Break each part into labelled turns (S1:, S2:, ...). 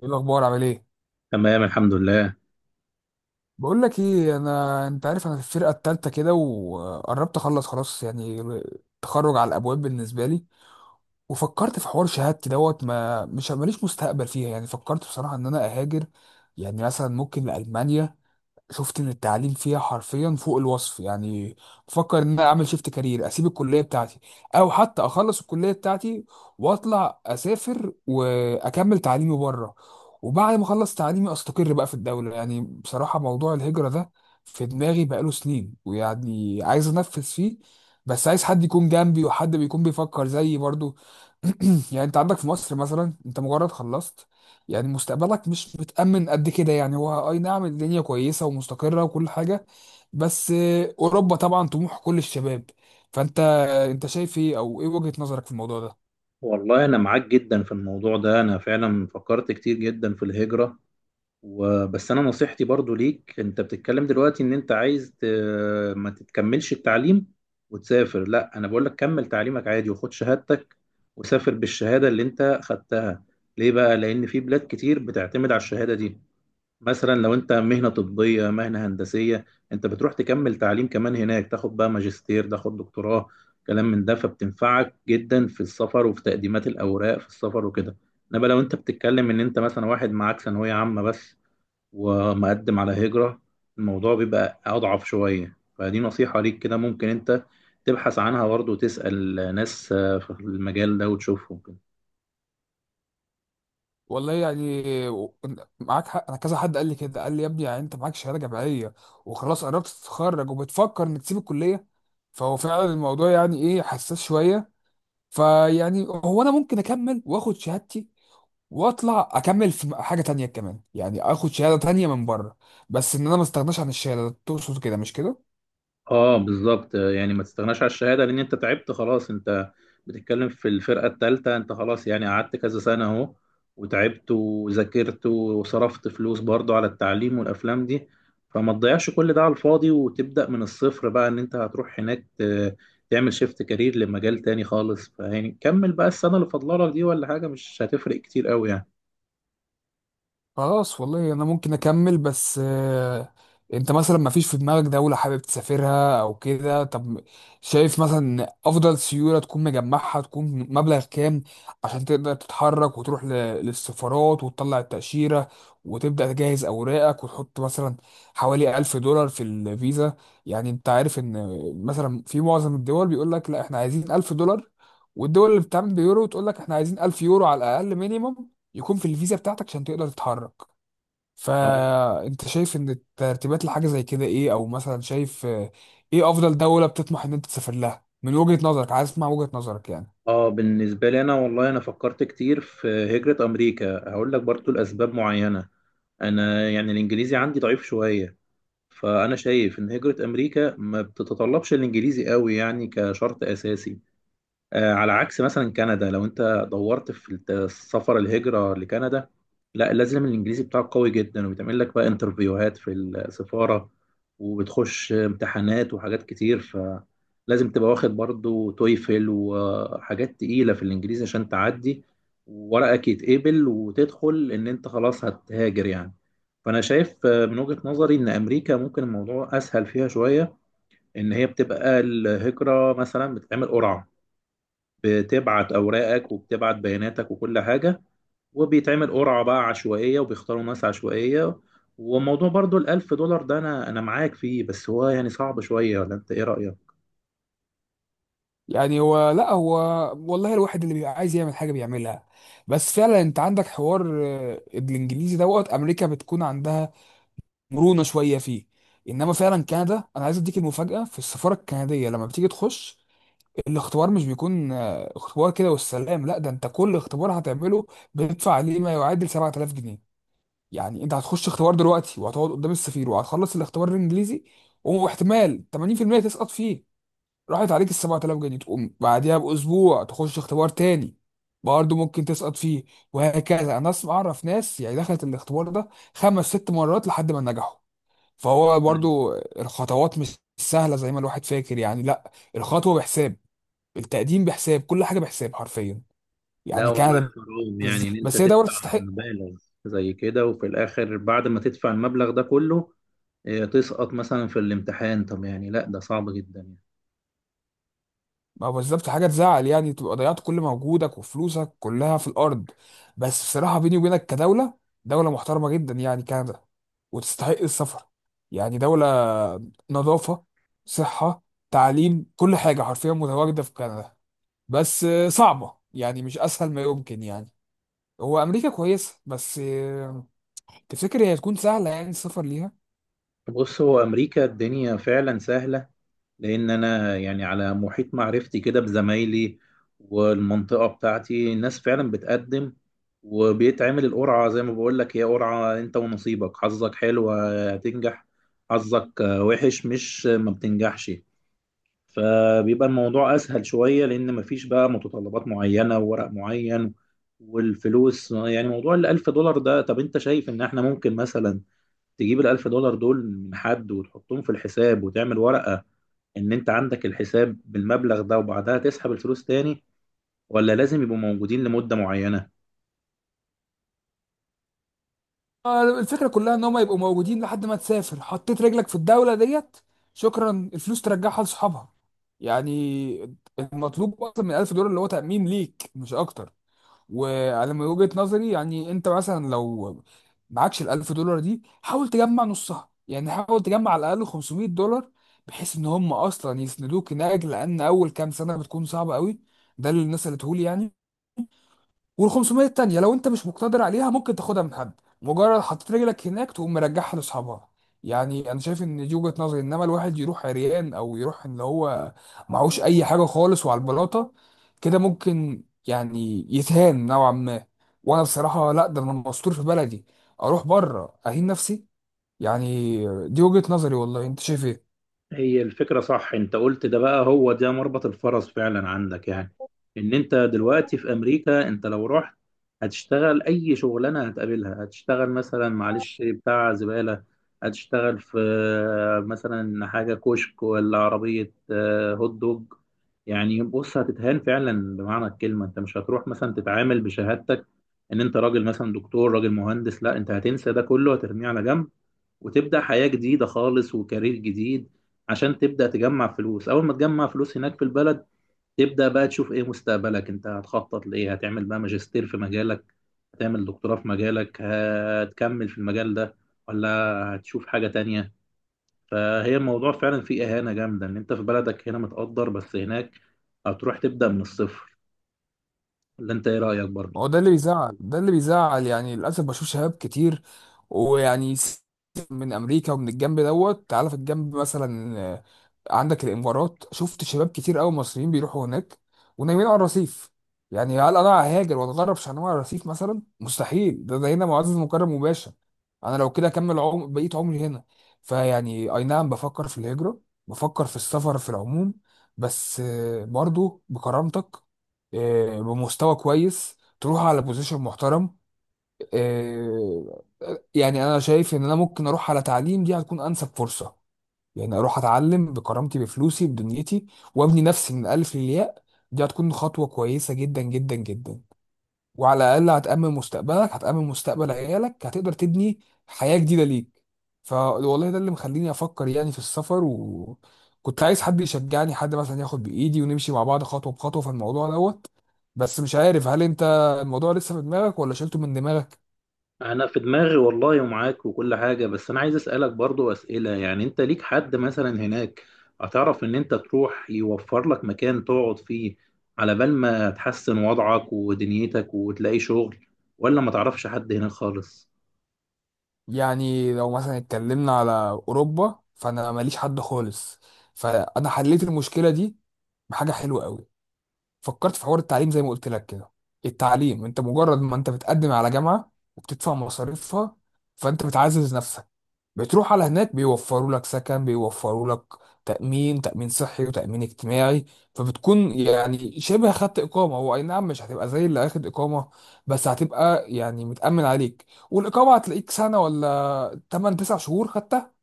S1: ايه الاخبار؟ عامل ايه؟
S2: تمام، الحمد لله.
S1: بقول لك ايه، انت عارف، انا في الفرقه التالتة كده وقربت اخلص، خلاص، يعني تخرج على الابواب بالنسبه لي. وفكرت في حوار شهادتي دوت ما مش ماليش مستقبل فيها. يعني فكرت بصراحه ان انا اهاجر، يعني مثلا ممكن لالمانيا. شفت ان التعليم فيها حرفيا فوق الوصف. يعني بفكر ان انا اعمل شيفت كارير، اسيب الكليه بتاعتي، او حتى اخلص الكليه بتاعتي واطلع اسافر واكمل تعليمي بره، وبعد ما اخلص تعليمي استقر بقى في الدوله. يعني بصراحه موضوع الهجره ده في دماغي بقاله سنين، ويعني عايز انفذ فيه. بس عايز حد يكون جنبي وحد بيكون بيفكر زيي برضو. يعني انت عندك في مصر مثلا، انت مجرد خلصت، يعني مستقبلك مش متأمن قد كده. يعني هو أي نعم الدنيا كويسة ومستقرة وكل حاجة، بس أوروبا طبعا طموح كل الشباب. فأنت أنت شايف إيه، أو إيه وجهة نظرك في الموضوع ده؟
S2: والله انا معاك جدا في الموضوع ده. انا فعلا فكرت كتير جدا في الهجرة، وبس انا نصيحتي برضو ليك، انت بتتكلم دلوقتي ان انت عايز ما تتكملش التعليم وتسافر. لا، انا بقول لك كمل تعليمك عادي وخد شهادتك، وسافر بالشهادة اللي انت خدتها. ليه بقى؟ لان في بلاد كتير بتعتمد على الشهادة دي. مثلا لو انت مهنة طبية، مهنة هندسية، انت بتروح تكمل تعليم كمان هناك، تاخد بقى ماجستير، تاخد دكتوراه، كلام من ده، فبتنفعك جدا في السفر وفي تقديمات الأوراق في السفر وكده. انما لو انت بتتكلم ان انت مثلا واحد معاك ثانوية عامة بس ومقدم على هجرة، الموضوع بيبقى أضعف شوية. فدي نصيحة ليك كده، ممكن انت تبحث عنها برضه وتسأل ناس في المجال ده وتشوفهم كده.
S1: والله يعني، معاك حق. أنا كذا حد قال لي كده، قال لي يا ابني، يعني أنت معاك شهادة جامعية وخلاص قربت تتخرج وبتفكر إنك تسيب الكلية. فهو فعلا الموضوع يعني إيه، حساس شوية. فيعني هو أنا ممكن أكمل وآخد شهادتي واطلع اكمل في حاجه تانية كمان، يعني اخد شهاده تانية من بره. بس ان انا ما استغناش عن الشهاده، تقصد كده مش كده؟
S2: اه، بالظبط. يعني ما تستغناش على الشهاده، لان انت تعبت خلاص. انت بتتكلم في الفرقه الثالثه، انت خلاص يعني قعدت كذا سنه اهو، وتعبت وذاكرت وصرفت فلوس برضو على التعليم والافلام دي. فما تضيعش كل ده على الفاضي وتبدا من الصفر بقى، ان انت هتروح هناك تعمل شيفت كارير لمجال تاني خالص. فيعني كمل بقى السنه اللي فاضله لك دي، ولا حاجه مش هتفرق كتير قوي يعني.
S1: خلاص والله انا ممكن اكمل. بس انت مثلا ما فيش في دماغك دولة حابب تسافرها او كده؟ طب شايف مثلا افضل سيولة تكون مجمعها تكون مبلغ كام عشان تقدر تتحرك وتروح للسفارات وتطلع التأشيرة وتبدأ تجهز اوراقك وتحط مثلا حوالي 1000 دولار في الفيزا. يعني انت عارف ان مثلا في معظم الدول بيقول لك لا احنا عايزين 1000 دولار، والدول اللي بتعمل بيورو تقول لك احنا عايزين 1000 يورو على الاقل مينيمم يكون في الفيزا بتاعتك عشان تقدر تتحرك.
S2: اه.
S1: فانت شايف ان الترتيبات لحاجه زي كده ايه، او مثلا شايف ايه افضل دوله بتطمح ان انت تسافر لها من وجهه نظرك؟ عايز اسمع وجهه نظرك يعني.
S2: اه، بالنسبة لي انا، والله انا فكرت كتير في هجرة امريكا. هقول لك برضو الاسباب معينة. انا يعني الانجليزي عندي ضعيف شوية، فانا شايف ان هجرة امريكا ما بتتطلبش الانجليزي قوي يعني كشرط اساسي. على عكس مثلا كندا، لو انت دورت في السفر الهجرة لكندا، لا، لازم الانجليزي بتاعك قوي جدا، وبيتعمل لك بقى انترفيوهات في السفارة وبتخش امتحانات وحاجات كتير. فلازم تبقى واخد برضو تويفل وحاجات تقيلة في الانجليزي عشان تعدي وورقك يتقبل وتدخل ان انت خلاص هتهاجر يعني. فانا شايف من وجهة نظري ان امريكا ممكن الموضوع اسهل فيها شوية. ان هي بتبقى الهجرة مثلا بتتعمل قرعة، بتبعت اوراقك وبتبعت بياناتك وكل حاجه، وبيتعمل قرعه بقى عشوائيه وبيختاروا ناس عشوائيه. وموضوع برضو الألف دولار ده، أنا معاك فيه، بس هو يعني صعب شوية، ولا أنت إيه رأيك؟
S1: يعني هو لا هو والله الواحد اللي بيبقى عايز يعمل حاجه بيعملها. بس فعلا انت عندك حوار، الانجليزي دوت، امريكا بتكون عندها مرونه شويه فيه. انما فعلا كندا، انا عايز اديك المفاجاه، في السفاره الكنديه لما بتيجي تخش الاختبار مش بيكون اختبار كده والسلام. لا ده انت كل اختبار هتعمله بتدفع عليه ما يعادل 7000 جنيه. يعني انت هتخش اختبار دلوقتي وهتقعد قدام السفير وهتخلص الاختبار الانجليزي واحتمال 80% تسقط فيه. راحت عليك ال 7000 جنيه، تقوم بعديها باسبوع تخش اختبار تاني برضه ممكن تسقط فيه، وهكذا. انا اسمع اعرف ناس يعني دخلت الاختبار ده خمس ست مرات لحد ما نجحوا. فهو
S2: مم.
S1: برضه الخطوات مش سهلة زي ما الواحد فاكر، يعني لا، الخطوة بحساب، التقديم بحساب، كل حاجه بحساب حرفيا،
S2: لا
S1: يعني
S2: والله
S1: كندا،
S2: حرام يعني إن أنت
S1: بس هي دوله
S2: تدفع
S1: تستحق.
S2: مبالغ زي كده، وفي الآخر بعد ما تدفع المبلغ ده كله تسقط مثلا في الامتحان. طب يعني لا، ده صعب جدا يعني.
S1: ما هو بالظبط، حاجه تزعل، يعني تبقى ضيعت كل مجهودك وفلوسك كلها في الارض. بس بصراحه بيني وبينك، كدوله، دوله محترمه جدا يعني كندا وتستحق السفر. يعني دوله، نظافه، صحه، تعليم، كل حاجه حرفيا متواجده في كندا. بس صعبه، يعني مش اسهل ما يمكن يعني. هو امريكا كويسه، بس تفتكر هي هتكون سهله يعني السفر ليها؟
S2: بص، هو أمريكا الدنيا فعلا سهلة. لان انا يعني على محيط معرفتي كده بزمايلي والمنطقه بتاعتي، ناس فعلا بتقدم وبيتعمل القرعه. زي ما بقول لك، هي قرعه، انت ونصيبك، حظك حلو هتنجح، حظك وحش مش ما بتنجحش. فبيبقى الموضوع اسهل شويه، لان مفيش بقى متطلبات معينه وورق معين. والفلوس، يعني موضوع الألف دولار ده، طب انت شايف ان احنا ممكن مثلا تجيب الألف دولار دول من حد وتحطهم في الحساب، وتعمل ورقه ان انت عندك الحساب بالمبلغ ده، وبعدها تسحب الفلوس تاني؟ ولا لازم يبقوا موجودين لمدة معينة؟
S1: الفكرة كلها ان هم يبقوا موجودين لحد ما تسافر. حطيت رجلك في الدولة ديت، شكرا، الفلوس ترجعها لصحابها. يعني المطلوب اكتر من 1000 دولار اللي هو تأمين ليك مش اكتر. وعلى من وجهة نظري، يعني انت مثلا لو معكش ال 1000 دولار دي حاول تجمع نصها، يعني حاول تجمع على الاقل 500 دولار بحيث ان هم اصلا يسندوك هناك، لان اول كام سنة بتكون صعبة قوي. ده اللي الناس قالته لي يعني. وال 500 التانية لو انت مش مقتدر عليها ممكن تاخدها من حد، مجرد حطيت رجلك هناك تقوم مرجعها لاصحابها. يعني انا شايف ان دي وجهة نظري. انما الواحد يروح عريان، او يروح ان هو معهوش اي حاجة خالص وعلى البلاطة كده، ممكن يعني يتهان نوعا ما. وانا بصراحة لا، ده انا مستور في بلدي، اروح بره اهين نفسي؟ يعني دي وجهة نظري، والله انت شايف ايه؟
S2: هي الفكرة صح، انت قلت ده بقى، هو ده مربط الفرس فعلا عندك يعني. ان انت دلوقتي في امريكا، انت لو رحت هتشتغل اي شغلانة هتقابلها. هتشتغل مثلا معلش بتاع زبالة، هتشتغل في مثلا حاجة كشك، ولا عربية هوت دوج. يعني بص، هتتهان فعلا بمعنى الكلمة. انت مش هتروح مثلا تتعامل بشهادتك ان انت راجل مثلا دكتور، راجل مهندس. لا، انت هتنسى ده كله، هترميه على جنب، وتبدأ حياة جديدة خالص وكارير جديد، عشان تبدأ تجمع فلوس. أول ما تجمع فلوس هناك في البلد، تبدأ بقى تشوف إيه مستقبلك، أنت هتخطط لإيه؟ هتعمل بقى ماجستير في مجالك، هتعمل دكتوراه في مجالك، هتكمل في المجال ده، ولا هتشوف حاجة تانية؟ فهي الموضوع فعلا فيه إهانة جامدة، إن أنت في بلدك هنا متقدر، بس هناك هتروح تبدأ من الصفر. ولا أنت إيه رأيك برضه؟
S1: ما هو ده اللي بيزعل، ده اللي بيزعل، يعني للاسف بشوف شباب كتير ويعني من امريكا ومن الجنب دوت. تعالى في الجنب مثلا، عندك الامارات، شفت شباب كتير قوي مصريين بيروحوا هناك ونايمين على الرصيف. يعني هل انا ههاجر واتغرب عشان انام على الرصيف مثلا؟ مستحيل، ده هنا معزز مكرم مباشر. انا لو كده اكمل بقيت عمري هنا. فيعني اي نعم بفكر في الهجره، بفكر في السفر في العموم، بس برضو بكرامتك، بمستوى كويس، تروح على بوزيشن محترم. آه، يعني انا شايف ان انا ممكن اروح على تعليم، دي هتكون انسب فرصه. يعني اروح اتعلم بكرامتي بفلوسي بدنيتي وابني نفسي من الالف للياء. دي هتكون خطوه كويسه جدا جدا جدا. وعلى الاقل هتامن مستقبلك، هتامن مستقبل عيالك، هتقدر تبني حياه جديده ليك. فوالله ده اللي مخليني افكر يعني في السفر، وكنت عايز حد يشجعني، حد مثلا ياخد بايدي ونمشي مع بعض خطوه بخطوه في الموضوع دوت. بس مش عارف هل انت الموضوع لسه في دماغك ولا شلته من دماغك؟
S2: انا في دماغي والله، ومعاك وكل حاجه. بس انا عايز اسالك برضو اسئله، يعني انت ليك حد مثلا هناك هتعرف ان انت تروح يوفر لك مكان تقعد فيه على بال ما تحسن وضعك ودنيتك وتلاقي شغل؟ ولا ما تعرفش حد هناك خالص؟
S1: يعني لو مثلا اتكلمنا على اوروبا فانا ماليش حد خالص، فانا حليت المشكله دي بحاجه حلوه قوي. فكرت في حوار التعليم زي ما قلت لك كده. التعليم، انت مجرد ما انت بتقدم على جامعة وبتدفع مصاريفها فانت بتعزز نفسك. بتروح على هناك بيوفروا لك سكن، بيوفروا لك تأمين، تأمين صحي وتأمين اجتماعي. فبتكون يعني شبه خدت إقامة. هو أي نعم مش هتبقى زي اللي أخد إقامة، بس هتبقى يعني متأمن عليك، والإقامة هتلاقيك سنة ولا 8 9 شهور خدتها.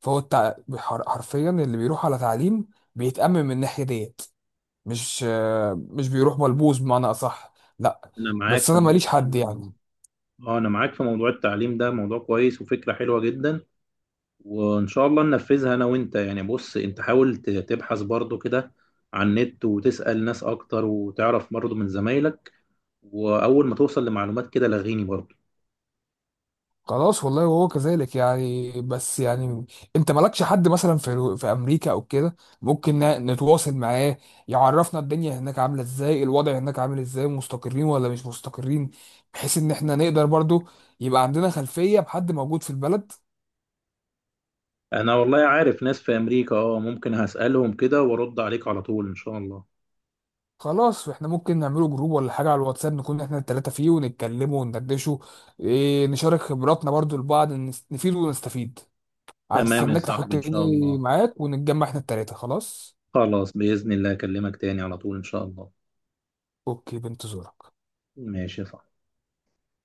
S1: فهو حرفيا اللي بيروح على تعليم بيتأمن من الناحية ديت، مش مش بيروح ملبوس بمعنى اصح، لا.
S2: انا معاك
S1: بس
S2: في
S1: انا ماليش حد يعني.
S2: موضوع. اه، انا معاك في موضوع التعليم ده، موضوع كويس وفكره حلوه جدا، وان شاء الله ننفذها انا وانت. يعني بص، انت حاول تبحث برضو كده على النت وتسال ناس اكتر، وتعرف برضو من زمايلك، واول ما توصل لمعلومات كده لغيني برضه.
S1: خلاص والله وهو كذلك يعني. بس يعني انت مالكش حد مثلا في امريكا او كده ممكن نتواصل معاه، يعرفنا الدنيا هناك عامله ازاي، الوضع هناك عامل ازاي، مستقرين ولا مش مستقرين، بحيث ان احنا نقدر برضو يبقى عندنا خلفيه بحد موجود في البلد.
S2: انا والله عارف ناس في امريكا. اه، ممكن هسألهم كده وارد عليك على طول ان شاء الله.
S1: خلاص احنا ممكن نعمله جروب ولا حاجه على الواتساب نكون احنا التلاته فيه ونتكلموا وندردشوا، إيه، نشارك خبراتنا برضو لبعض، نفيد ونستفيد.
S2: تمام يا
S1: هستناك
S2: صاحبي، ان شاء
S1: تحطني
S2: الله.
S1: معاك ونتجمع احنا التلاتة خلاص.
S2: خلاص بإذن الله، اكلمك تاني على طول ان شاء الله.
S1: اوكي، بنتظرك.
S2: ماشي يا صاحبي.